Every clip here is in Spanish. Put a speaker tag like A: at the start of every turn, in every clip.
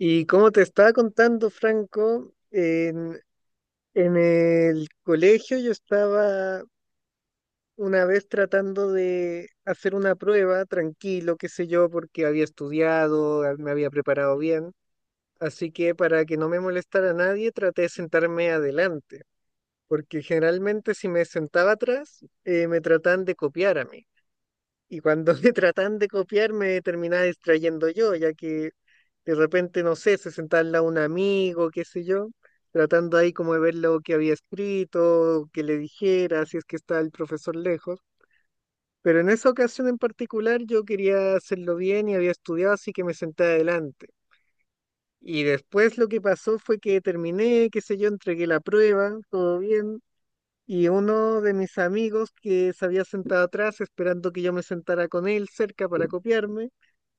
A: Y como te estaba contando, Franco, en el colegio yo estaba una vez tratando de hacer una prueba, tranquilo, qué sé yo, porque había estudiado, me había preparado bien. Así que para que no me molestara a nadie, traté de sentarme adelante, porque generalmente si me sentaba atrás, me trataban de copiar a mí. Y cuando me tratan de copiar, me terminaba distrayendo yo, ya que de repente, no sé, se sentaba al lado un amigo, qué sé yo, tratando ahí como de ver lo que había escrito, que le dijera, si es que está el profesor lejos. Pero en esa ocasión en particular yo quería hacerlo bien y había estudiado, así que me senté adelante. Y después lo que pasó fue que terminé, qué sé yo, entregué la prueba, todo bien. Y uno de mis amigos que se había sentado atrás esperando que yo me sentara con él cerca para copiarme,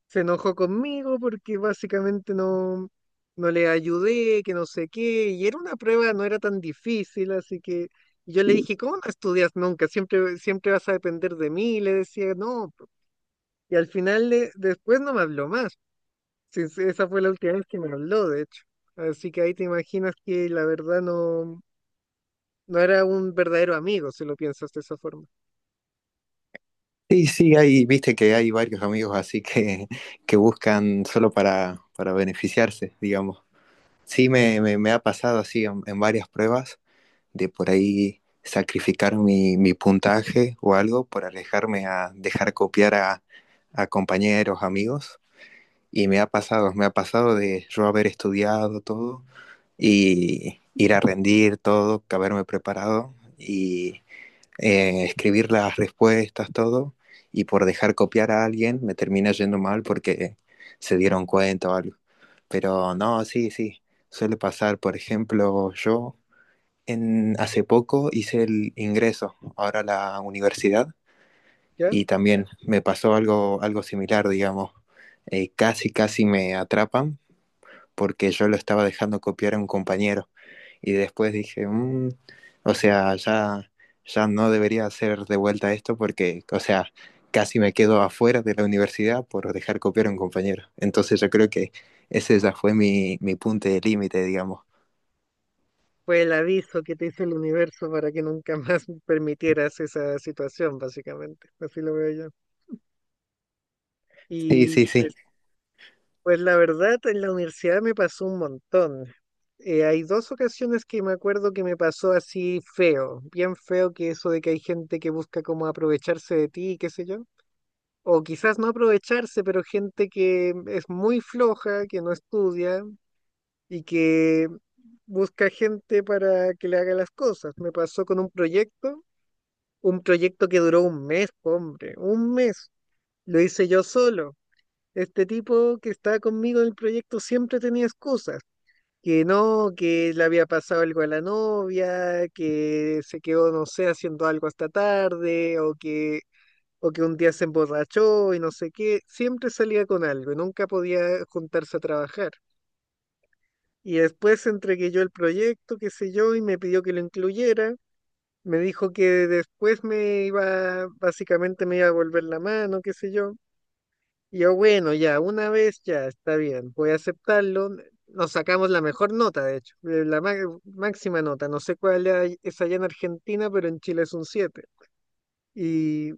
A: se enojó conmigo porque básicamente no, no le ayudé, que no sé qué, y era una prueba, no era tan difícil, así que yo le dije, ¿cómo no estudias nunca? Siempre, siempre vas a depender de mí, le decía, no, po". Y al final después no me habló más. Sí, sí, esa fue la última vez que me habló, de hecho, así que ahí te imaginas que la verdad no, no era un verdadero amigo, si lo piensas de esa forma.
B: Sí, sí, hay, viste que hay varios amigos así que buscan solo para beneficiarse, digamos. Sí, me ha pasado así en varias pruebas de por ahí sacrificar mi puntaje o algo por alejarme a dejar copiar a compañeros, amigos. Y me ha pasado de yo haber estudiado todo y ir a rendir todo, que haberme preparado y escribir las respuestas, todo, y por dejar copiar a alguien me termina yendo mal porque se dieron cuenta o algo. Pero no, sí, sí, suele pasar. Por ejemplo, yo hace poco hice el ingreso ahora a la universidad
A: ¿Ya?
B: y también me pasó algo, algo similar, digamos. Casi me atrapan porque yo lo estaba dejando copiar a un compañero y después dije, "Mm, o sea, ya, ya no debería hacer de vuelta esto porque, o sea, casi me quedo afuera de la universidad por dejar copiar a un compañero. Entonces yo creo que ese ya fue mi punto de límite, digamos.
A: Fue el aviso que te hizo el universo para que nunca más permitieras esa situación, básicamente. Así lo veo yo.
B: Sí,
A: Y
B: sí, sí.
A: pues la verdad, en la universidad me pasó un montón. Hay dos ocasiones que me acuerdo que me pasó así feo, bien feo, que eso de que hay gente que busca como aprovecharse de ti, qué sé yo. O quizás no aprovecharse, pero gente que es muy floja, que no estudia y que busca gente para que le haga las cosas. Me pasó con un proyecto. Un proyecto que duró un mes, hombre, un mes. Lo hice yo solo. Este tipo que estaba conmigo en el proyecto siempre tenía excusas. Que no, que le había pasado algo a la novia, que se quedó, no sé, haciendo algo hasta tarde, o que un día se emborrachó y no sé qué. Siempre salía con algo y nunca podía juntarse a trabajar. Y después entregué yo el proyecto, qué sé yo, y me pidió que lo incluyera. Me dijo que después me iba, básicamente me iba a volver la mano, qué sé yo. Y yo, bueno, ya, una vez ya, está bien, voy a aceptarlo. Nos sacamos la mejor nota, de hecho, la máxima nota. No sé cuál es allá en Argentina, pero en Chile es un siete. Y,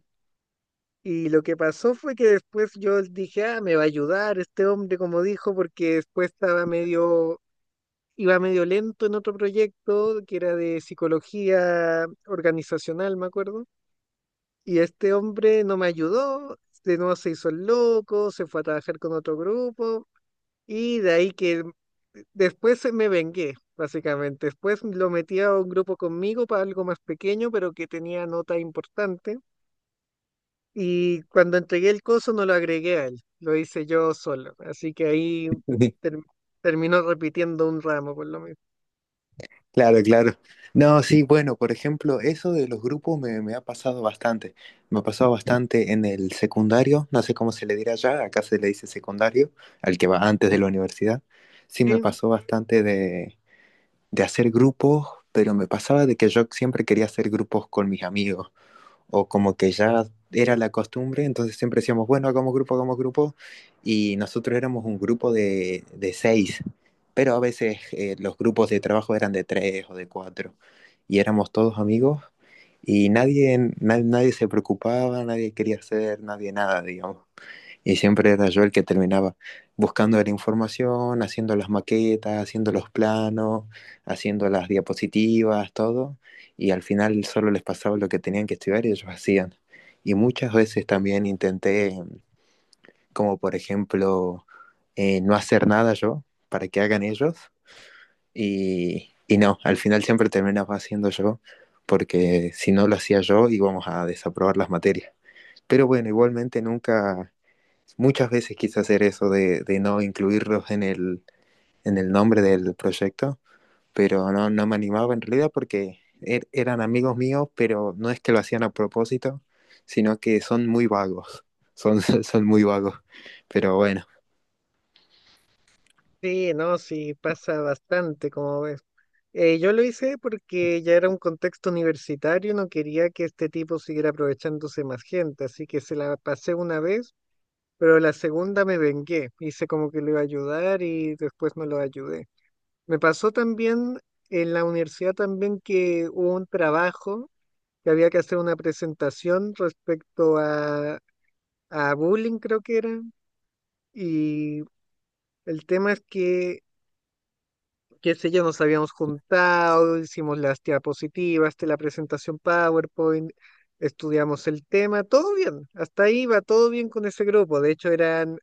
A: y lo que pasó fue que después yo dije, ah, me va a ayudar este hombre, como dijo, porque después estaba medio, iba medio lento en otro proyecto que era de psicología organizacional, me acuerdo. Y este hombre no me ayudó, de nuevo se hizo el loco, se fue a trabajar con otro grupo y de ahí que después me vengué, básicamente. Después lo metí a un grupo conmigo para algo más pequeño, pero que tenía nota importante. Y cuando entregué el coso no lo agregué a él, lo hice yo solo. Así que ahí ter- terminó repitiendo un ramo por lo menos.
B: Claro, claro. No, sí, bueno, por ejemplo, eso de los grupos me ha pasado bastante. Me ha pasado bastante en el secundario, no sé cómo se le dirá allá, acá se le dice secundario, al que va antes de la universidad. Sí, me pasó bastante de hacer grupos, pero me pasaba de que yo siempre quería hacer grupos con mis amigos, o como que ya era la costumbre, entonces siempre decíamos, bueno, hagamos grupo, y nosotros éramos un grupo de seis, pero a veces los grupos de trabajo eran de tres o de cuatro, y éramos todos amigos, y nadie se preocupaba, nadie quería hacer, nadie nada, digamos. Y siempre era yo el que terminaba buscando la información, haciendo las maquetas, haciendo los planos, haciendo las diapositivas, todo. Y al final solo les pasaba lo que tenían que estudiar y ellos hacían. Y muchas veces también intenté, como por ejemplo, no hacer nada yo para que hagan ellos. Y no, al final siempre terminaba haciendo yo, porque si no lo hacía yo íbamos a desaprobar las materias. Pero bueno, igualmente nunca muchas veces quise hacer eso de no incluirlos en en el nombre del proyecto, pero no, no me animaba en realidad porque eran amigos míos, pero no es que lo hacían a propósito, sino que son muy vagos, son, son muy vagos, pero bueno.
A: Sí, no, sí, pasa bastante, como ves. Yo lo hice porque ya era un contexto universitario, no quería que este tipo siguiera aprovechándose más gente, así que se la pasé una vez, pero la segunda me vengué, hice como que le iba a ayudar y después no lo ayudé. Me pasó también en la universidad también que hubo un trabajo que había que hacer una presentación respecto a bullying, creo que era, y el tema es que, qué sé yo, nos habíamos juntado, hicimos las diapositivas, de la presentación PowerPoint, estudiamos el tema, todo bien, hasta ahí va todo bien con ese grupo. De hecho, eran,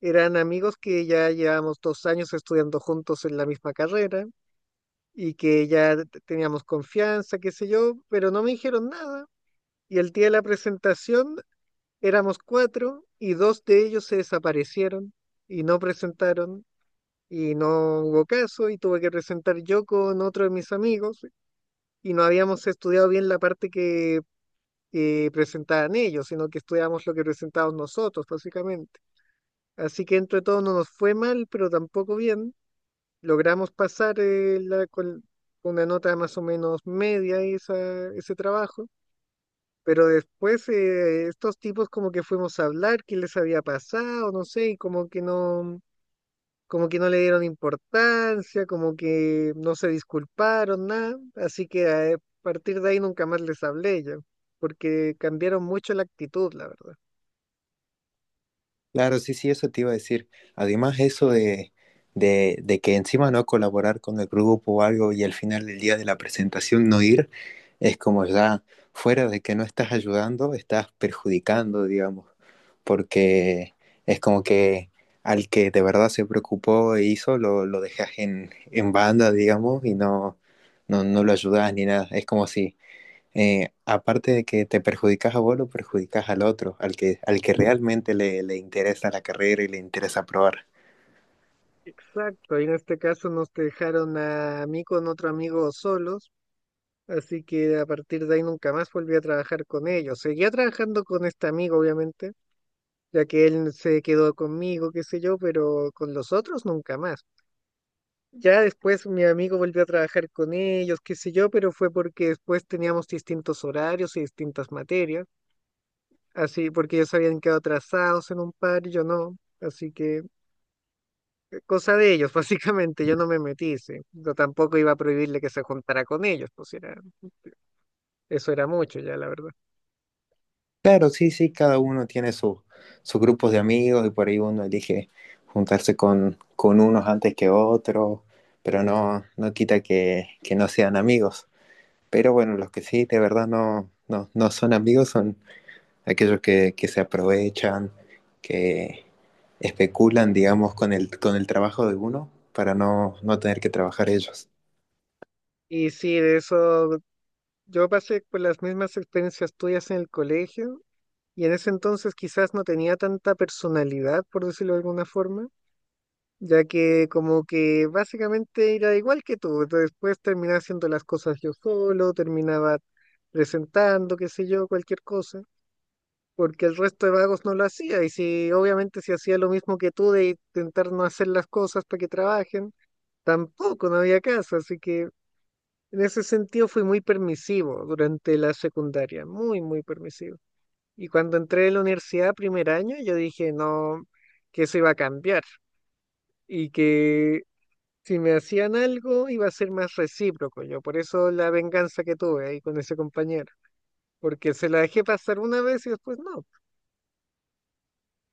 A: eran amigos que ya llevamos 2 años estudiando juntos en la misma carrera y que ya teníamos confianza, qué sé yo, pero no me dijeron nada. Y el día de la presentación éramos cuatro y dos de ellos se desaparecieron y no presentaron y no hubo caso y tuve que presentar yo con otro de mis amigos y no habíamos estudiado bien la parte que presentaban ellos, sino que estudiamos lo que presentábamos nosotros, básicamente. Así que entre todo no nos fue mal, pero tampoco bien. Logramos pasar, con una nota más o menos media esa, ese trabajo. Pero después, estos tipos, como que fuimos a hablar qué les había pasado, no sé, y como que no le dieron importancia, como que no se disculparon, nada. Así que a partir de ahí nunca más les hablé yo, porque cambiaron mucho la actitud, la verdad.
B: Claro, sí, sí, eso te iba a decir. Además, eso de que encima no colaborar con el grupo o algo y al final del día de la presentación no ir, es como ya fuera de que no estás ayudando, estás perjudicando, digamos, porque es como que al que de verdad se preocupó e hizo, lo dejas en banda, digamos, y no lo ayudas ni nada. Es como si aparte de que te perjudicas a vos, lo perjudicas al otro, al que realmente le interesa la carrera y le interesa probar.
A: Exacto, y en este caso nos dejaron a mí con otro amigo solos, así que a partir de ahí nunca más volví a trabajar con ellos. Seguía trabajando con este amigo, obviamente, ya que él se quedó conmigo, qué sé yo, pero con los otros nunca más. Ya después mi amigo volvió a trabajar con ellos, qué sé yo, pero fue porque después teníamos distintos horarios y distintas materias, así porque ellos habían quedado atrasados en un par y yo no, así que cosa de ellos, básicamente, yo no me metí, sí. Yo tampoco iba a prohibirle que se juntara con ellos, pues era, eso era mucho ya, la verdad.
B: Claro, sí, sí, cada uno tiene su, sus grupos de amigos y por ahí uno elige juntarse con unos antes que otros, pero no, no quita que no sean amigos. Pero bueno, los que sí, de verdad no son amigos son aquellos que se aprovechan, que especulan, digamos, con con el trabajo de uno para no, no tener que trabajar ellos.
A: Y sí, de eso yo pasé por las mismas experiencias tuyas en el colegio y en ese entonces quizás no tenía tanta personalidad, por decirlo de alguna forma, ya que como que básicamente era igual que tú, entonces después terminaba haciendo las cosas yo solo, terminaba presentando, qué sé yo, cualquier cosa, porque el resto de vagos no lo hacía, y si obviamente si hacía lo mismo que tú de intentar no hacer las cosas para que trabajen, tampoco no había caso, así que en ese sentido fui muy permisivo durante la secundaria, muy, muy permisivo. Y cuando entré a la universidad primer año, yo dije, no, que eso iba a cambiar y que si me hacían algo, iba a ser más recíproco yo. Por eso la venganza que tuve ahí con ese compañero. Porque se la dejé pasar una vez y después no.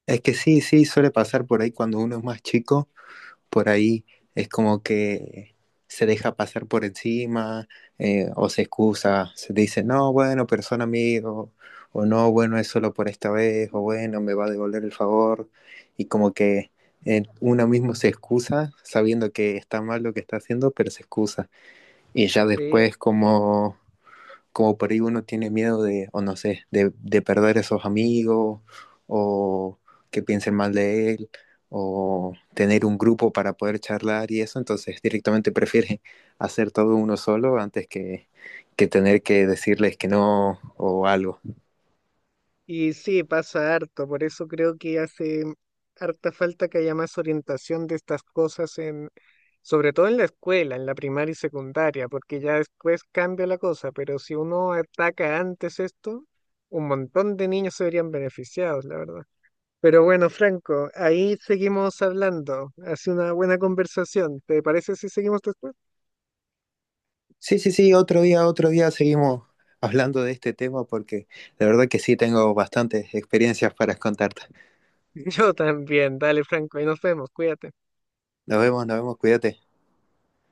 B: Es que sí, sí, suele pasar por ahí cuando uno es más chico, por ahí es como que se deja pasar por encima o se excusa, se dice, no, bueno, pero son amigos, o no, bueno, es solo por esta vez, o bueno, me va a devolver el favor, y como que uno mismo se excusa sabiendo que está mal lo que está haciendo, pero se excusa. Y ya
A: Sí.
B: después como, como por ahí uno tiene miedo de, o no sé, de perder esos amigos, o que piensen mal de él, o tener un grupo para poder charlar y eso, entonces directamente prefiere hacer todo uno solo antes que tener que decirles que no o algo.
A: Y sí, pasa harto. Por eso creo que hace harta falta que haya más orientación de estas cosas en, sobre todo en la escuela, en la primaria y secundaria, porque ya después cambia la cosa. Pero si uno ataca antes esto, un montón de niños se verían beneficiados, la verdad. Pero bueno, Franco, ahí seguimos hablando. Hace una buena conversación. ¿Te parece si seguimos después?
B: Sí, sí, sí, otro día seguimos hablando de este tema porque la verdad que sí tengo bastantes experiencias para contarte.
A: Yo también. Dale, Franco, ahí nos vemos. Cuídate.
B: Nos vemos, cuídate.